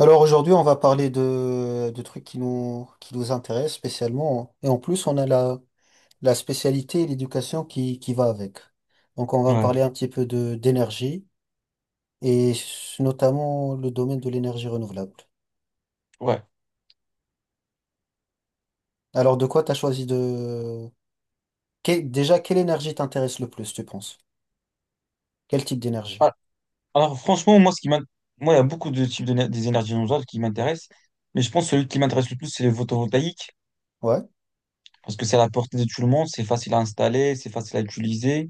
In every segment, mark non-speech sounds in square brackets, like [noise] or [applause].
Alors aujourd'hui, on va parler de trucs qui nous intéressent spécialement. Et en plus, on a la spécialité et l'éducation qui va avec. Donc on va Ouais, parler un petit peu d'énergie et notamment le domaine de l'énergie renouvelable. ouais. Alors de quoi t'as choisi déjà, quelle énergie t'intéresse le plus, tu penses? Quel type d'énergie? Ah, Alors, franchement, moi, moi, il y a beaucoup de des énergies renouvelables qui m'intéressent, mais je pense que celui qui m'intéresse le plus, c'est le photovoltaïque, Ouais. parce que c'est à la portée de tout le monde, c'est facile à installer, c'est facile à utiliser.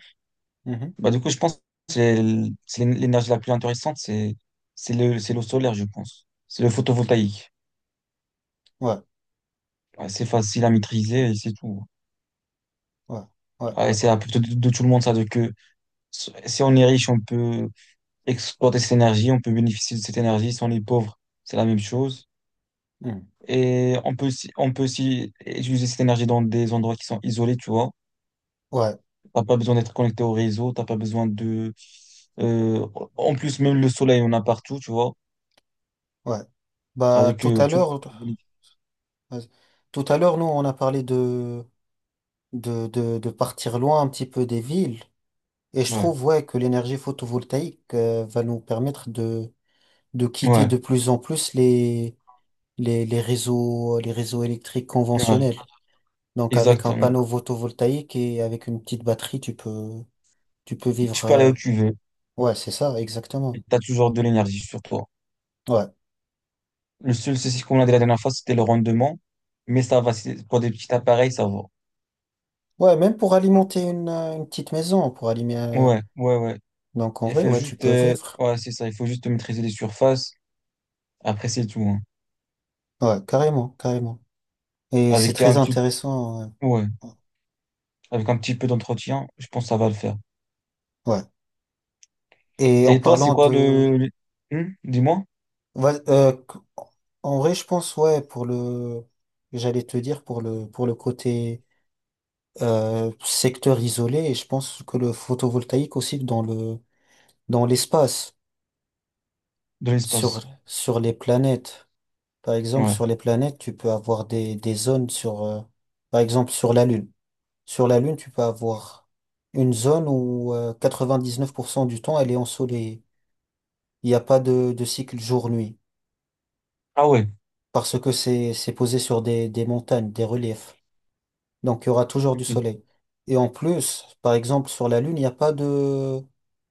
Mhm. Du coup, je pense que c'est l- c'est l'é- l'énergie la plus intéressante, c'est l'eau solaire, je pense. C'est le photovoltaïque. Ouais. Ouais, c'est facile à maîtriser et c'est tout. Ouais. Ouais. Ouais, Ouais. c'est à Ouais. la portée de tout le monde, ça, si on est riche, on peut exploiter cette énergie, on peut bénéficier de cette énergie. Si on est pauvre, c'est la même chose. Mhm. Et on peut aussi utiliser cette énergie dans des endroits qui sont isolés, tu vois. Ouais. T'as pas besoin d'être connecté au réseau, t'as pas besoin de... euh, en plus, même le soleil, on a partout, tu vois. Ouais. Bah C'est-à-dire tout que à tu... l'heure, vas-y. Tout à l'heure, nous, on a parlé de partir loin un petit peu des villes. Et je Ouais, trouve, ouais, que l'énergie photovoltaïque va nous permettre de quitter ouais, de plus en plus les réseaux électriques ouais, conventionnels. Donc avec un exactement. panneau photovoltaïque et avec une petite batterie, tu peux vivre. Tu peux aller où tu veux, Ouais, c'est ça, et exactement. t'as toujours de l'énergie sur toi. Ouais. Le seul souci qu'on a de la dernière fois, c'était le rendement, mais ça va, pour des petits appareils, ça va. Ouais, même pour alimenter une petite maison, pour alimenter. Ouais, ouais, ouais. Donc en vrai, ouais, tu peux vivre. C'est ça, il faut juste maîtriser les surfaces. Après, c'est tout, hein. Ouais, carrément, carrément. Et c'est Avec très un petit... intéressant. Ouais. Ouais. Avec un petit peu d'entretien, je pense que ça va le faire. Ouais. Et en Et toi, c'est parlant quoi de, le- Hmm dis-moi. ouais, en vrai, je pense, ouais, pour le, j'allais te dire, pour le côté secteur isolé, et je pense que le photovoltaïque aussi dans l'espace, De sur, l'espace. sur les planètes. Par exemple, Ouais. sur les planètes, tu peux avoir des zones par exemple, sur la Lune. Sur la Lune, tu peux avoir une zone où 99% du temps, elle est ensoleillée. Il n'y a pas de cycle jour-nuit, Ah ouais. parce que c'est posé sur des montagnes, des reliefs. Donc, il y aura toujours du Ok. soleil. Et en plus, par exemple, sur la Lune, il n'y a pas de,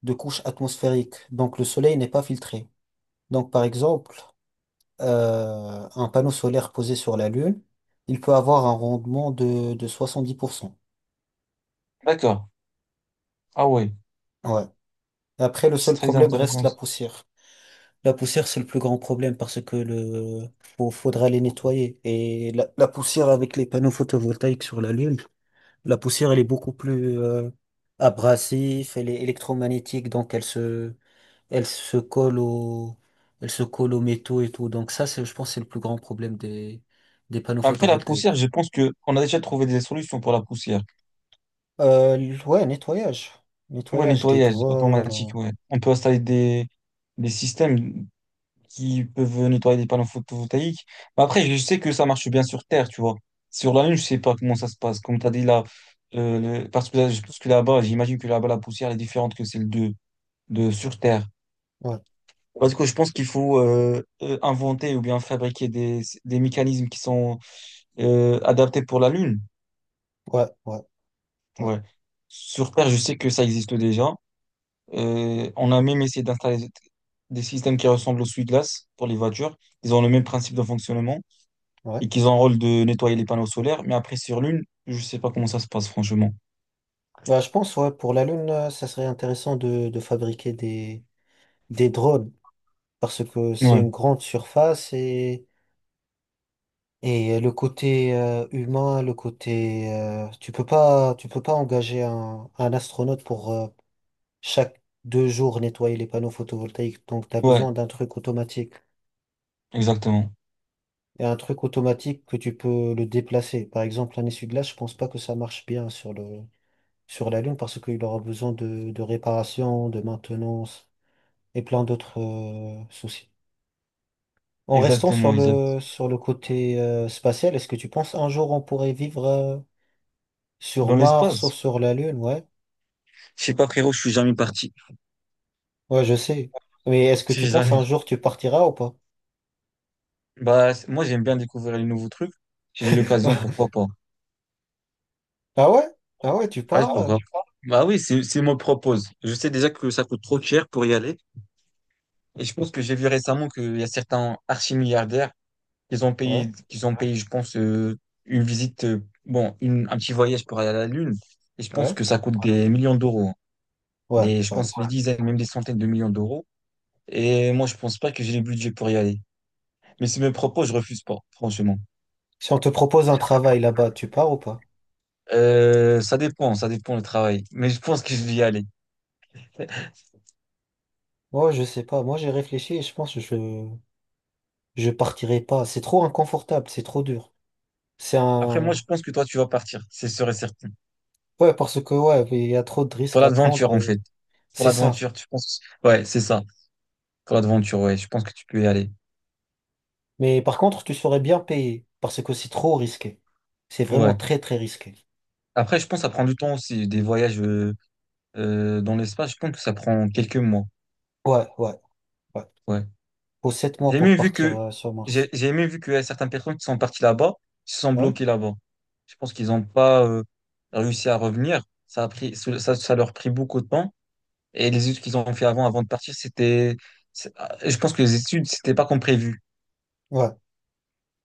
de couche atmosphérique. Donc, le soleil n'est pas filtré. Donc, par exemple, un panneau solaire posé sur la Lune, il peut avoir un rendement de 70%. D'accord. Ah ouais. Ouais. Et après, le C'est seul très problème reste intéressant, la ça. poussière. La poussière, c'est le plus grand problème parce que faudra les nettoyer. Et la poussière avec les panneaux photovoltaïques sur la Lune. La poussière, elle est beaucoup plus abrasive, elle est électromagnétique, donc elle se colle au, elle se colle aux métaux et tout. Donc ça, c'est, je pense, que c'est le plus grand problème des panneaux Après, la photovoltaïques. poussière, je pense que on a déjà trouvé des solutions pour la poussière. Euh, ouais, nettoyage, Ouais, nettoyage des nettoyage drones. Automatique, ouais. On peut installer des systèmes qui peuvent nettoyer des panneaux photovoltaïques. Mais après, je sais que ça marche bien sur Terre, tu vois. Sur la Lune, je sais pas comment ça se passe. Comme tu as dit là, parce que là, je pense que là-bas, j'imagine que là-bas, la poussière elle est différente que celle de sur Terre. Ouais, Parce que je pense qu'il faut inventer ou bien fabriquer des mécanismes qui sont adaptés pour la Lune. ouais, ouais, ouais, Ouais. Sur Terre, je sais que ça existe déjà. On a même essayé d'installer des systèmes qui ressemblent aux essuie-glace pour les voitures. Ils ont le même principe de fonctionnement ouais. et qu'ils ont un rôle de nettoyer les panneaux solaires. Mais après, sur Lune, je sais pas comment ça se passe, franchement. Bah, je pense, ouais, pour la Lune, ça serait intéressant de fabriquer des drones parce que c'est Ouais, une grande surface. Et le côté humain, le côté tu peux pas engager un astronaute pour chaque 2 jours nettoyer les panneaux photovoltaïques. Donc tu as ouais, besoin d'un truc automatique. exactement. Et un truc automatique que tu peux le déplacer. Par exemple, un essuie-glace, je pense pas que ça marche bien sur la Lune parce qu'il aura besoin de réparation, de maintenance et plein d'autres soucis. En restant sur Exactement, exact. le sur le côté spatial, est-ce que tu penses un jour on pourrait vivre sur Dans Mars ou l'espace. sur la Lune, ouais? Je sais pas, frérot, je suis jamais parti. Ouais, je sais. Mais est-ce que Je tu suis penses jamais un jour tu partiras ou pas? Bah, moi, j'aime bien découvrir les nouveaux trucs. Si j'ai l'occasion, [laughs] pourquoi pas? Ah ouais? Ah ouais, tu Ah, Ah, pars? Pourquoi tu Bah oui, si on me le propose. Je sais déjà que ça coûte trop cher pour y aller. Et je pense que j'ai vu récemment qu'il y a certains archi-milliardaires Ouais, qu'ils ont payé, je pense, une visite, un petit voyage pour aller à la Lune. Et je pense ouais, que ça coûte des millions d'euros, hein. ouais, Des, je ouais. pense des dizaines, même des centaines de millions d'euros. Et moi, je pense pas que j'ai le budget pour y aller. Mais si me le propose, je refuse pas, franchement. Si on te propose un travail là-bas, tu pars ou pas? Ça dépend, ça dépend le travail. Mais je pense que je vais y aller. Moi, je sais pas. Moi, j'ai réfléchi et je pense que je partirai pas. C'est trop inconfortable, c'est trop dur. C'est Après, moi, je un pense que toi, tu vas partir. C'est sûr et certain. Ouais, parce que ouais, il y a trop de Pour risques à prendre l'aventure, en et fait. Pour c'est ça. l'aventure, tu penses. Ouais, c'est ça. Pour l'aventure, ouais. Je pense que tu peux y aller. Mais par contre, tu serais bien payé parce que c'est trop risqué. C'est vraiment Ouais. très très risqué. Après, je pense que ça prend du temps aussi. Des voyages dans l'espace, je pense que ça prend quelques mois. Ouais, ouais, ouais. Ouais. Faut 7 mois J'ai pour même vu partir que, sur Mars. j'ai même vu qu'il y a certaines personnes qui sont parties là-bas, qui se sont Ouais? bloquées là-bas. Je pense qu'ils n'ont pas réussi à revenir. Ça leur a pris beaucoup de temps. Et les études qu'ils ont fait avant, avant de partir, je pense que les études, c'était pas comme prévu. Ouais.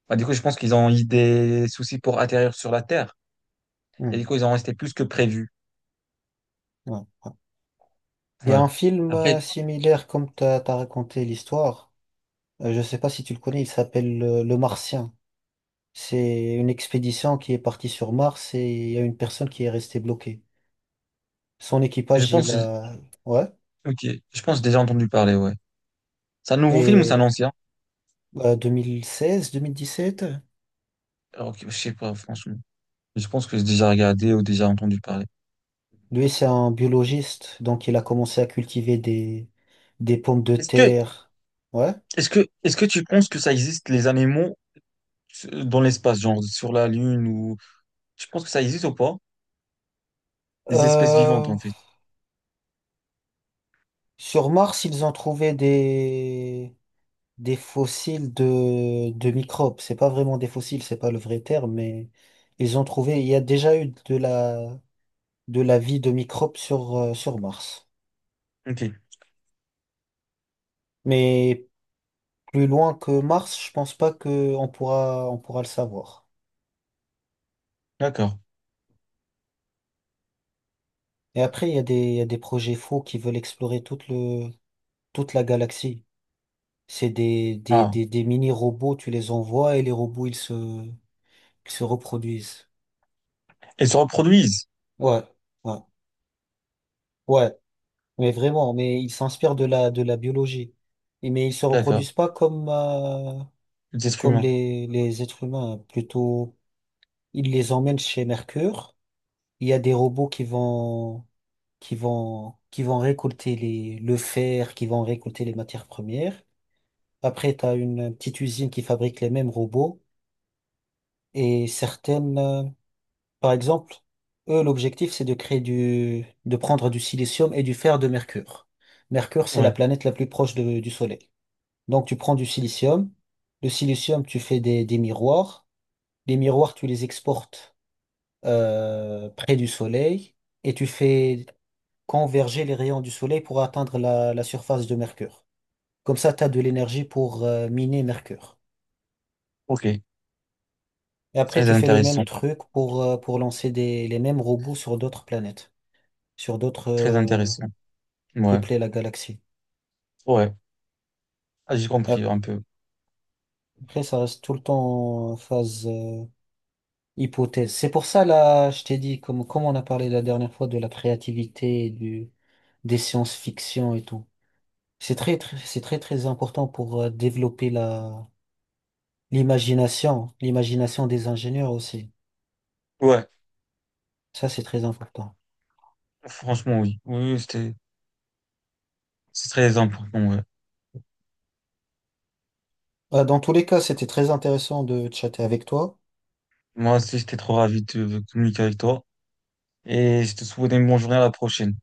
Bah, du coup, je pense qu'ils ont eu des soucis pour atterrir sur la Terre. Et Hmm. du coup, ils ont resté plus que prévu. Ouais. Ouais. Il y a Ouais. un film Après, similaire comme t'as raconté l'histoire. Je sais pas si tu le connais, il s'appelle Le Martien. C'est une expédition qui est partie sur Mars et il y a une personne qui est restée bloquée. Son je équipage, il pense, a... Ouais. ok, je pense que j'ai déjà entendu parler, ouais. C'est un nouveau film ou c'est Et un ancien? 2016, 2017, Alors, ok, je sais pas, franchement. Je pense que j'ai déjà regardé ou déjà entendu parler. lui, c'est un biologiste, donc il a commencé à cultiver des pommes de Est-ce que, terre. Ouais. Est-ce que tu penses que ça existe, les animaux dans l'espace, genre sur la Lune ou, tu penses que ça existe ou pas? Les espèces vivantes, Euh, en fait. Sur Mars, ils ont trouvé des fossiles de microbes. C'est pas vraiment des fossiles, c'est pas le vrai terme, mais ils ont trouvé, il y a déjà eu de la vie de microbes sur Mars. Ok, Mais plus loin que Mars, je pense pas que on pourra le savoir. d'accord. Et après, il y a des projets faux qui veulent explorer toute la galaxie. C'est des, des, Ah. des, des mini-robots, tu les envoies et les robots, ils se reproduisent. Elles se reproduisent. Ouais. Ouais. Ouais, mais vraiment, mais ils s'inspirent de la biologie. Mais ils se D'accord. reproduisent pas comme, euh, Les êtres comme humains. les êtres humains. Hein. Plutôt, ils les emmènent chez Mercure. Il y a des robots qui vont, qui vont récolter le fer, qui vont récolter les matières premières. Après, tu as une petite usine qui fabrique les mêmes robots. Et certaines, par exemple, eux, l'objectif, c'est de prendre du silicium et du fer de Mercure. Mercure, c'est la Ouais. planète la plus proche du Soleil. Donc, tu prends du silicium. Le silicium, tu fais des miroirs. Les miroirs, tu les exportes près du soleil et tu fais converger les rayons du soleil pour atteindre la surface de Mercure. Comme ça, tu as de l'énergie pour miner Mercure. Ok. Et après, Très tu fais le même intéressant. truc pour lancer les mêmes robots sur d'autres planètes, sur d'autres Très intéressant. Ouais, peupler la galaxie. ouais. Ah, j'ai compris Ap- un peu. Après, ça reste tout le temps en phase. Hypothèse. C'est pour ça, là, je t'ai dit, comme on a parlé la dernière fois de la créativité et des sciences-fiction et tout. C'est très, très important pour développer l'imagination des ingénieurs aussi. Ouais, Ça, c'est très important. franchement, oui. Oui, c'est très important, ouais. Dans tous les cas, c'était très intéressant de chatter avec toi. Moi aussi, j'étais trop ravi de communiquer avec toi. Et je te souhaite une bonne journée à la prochaine.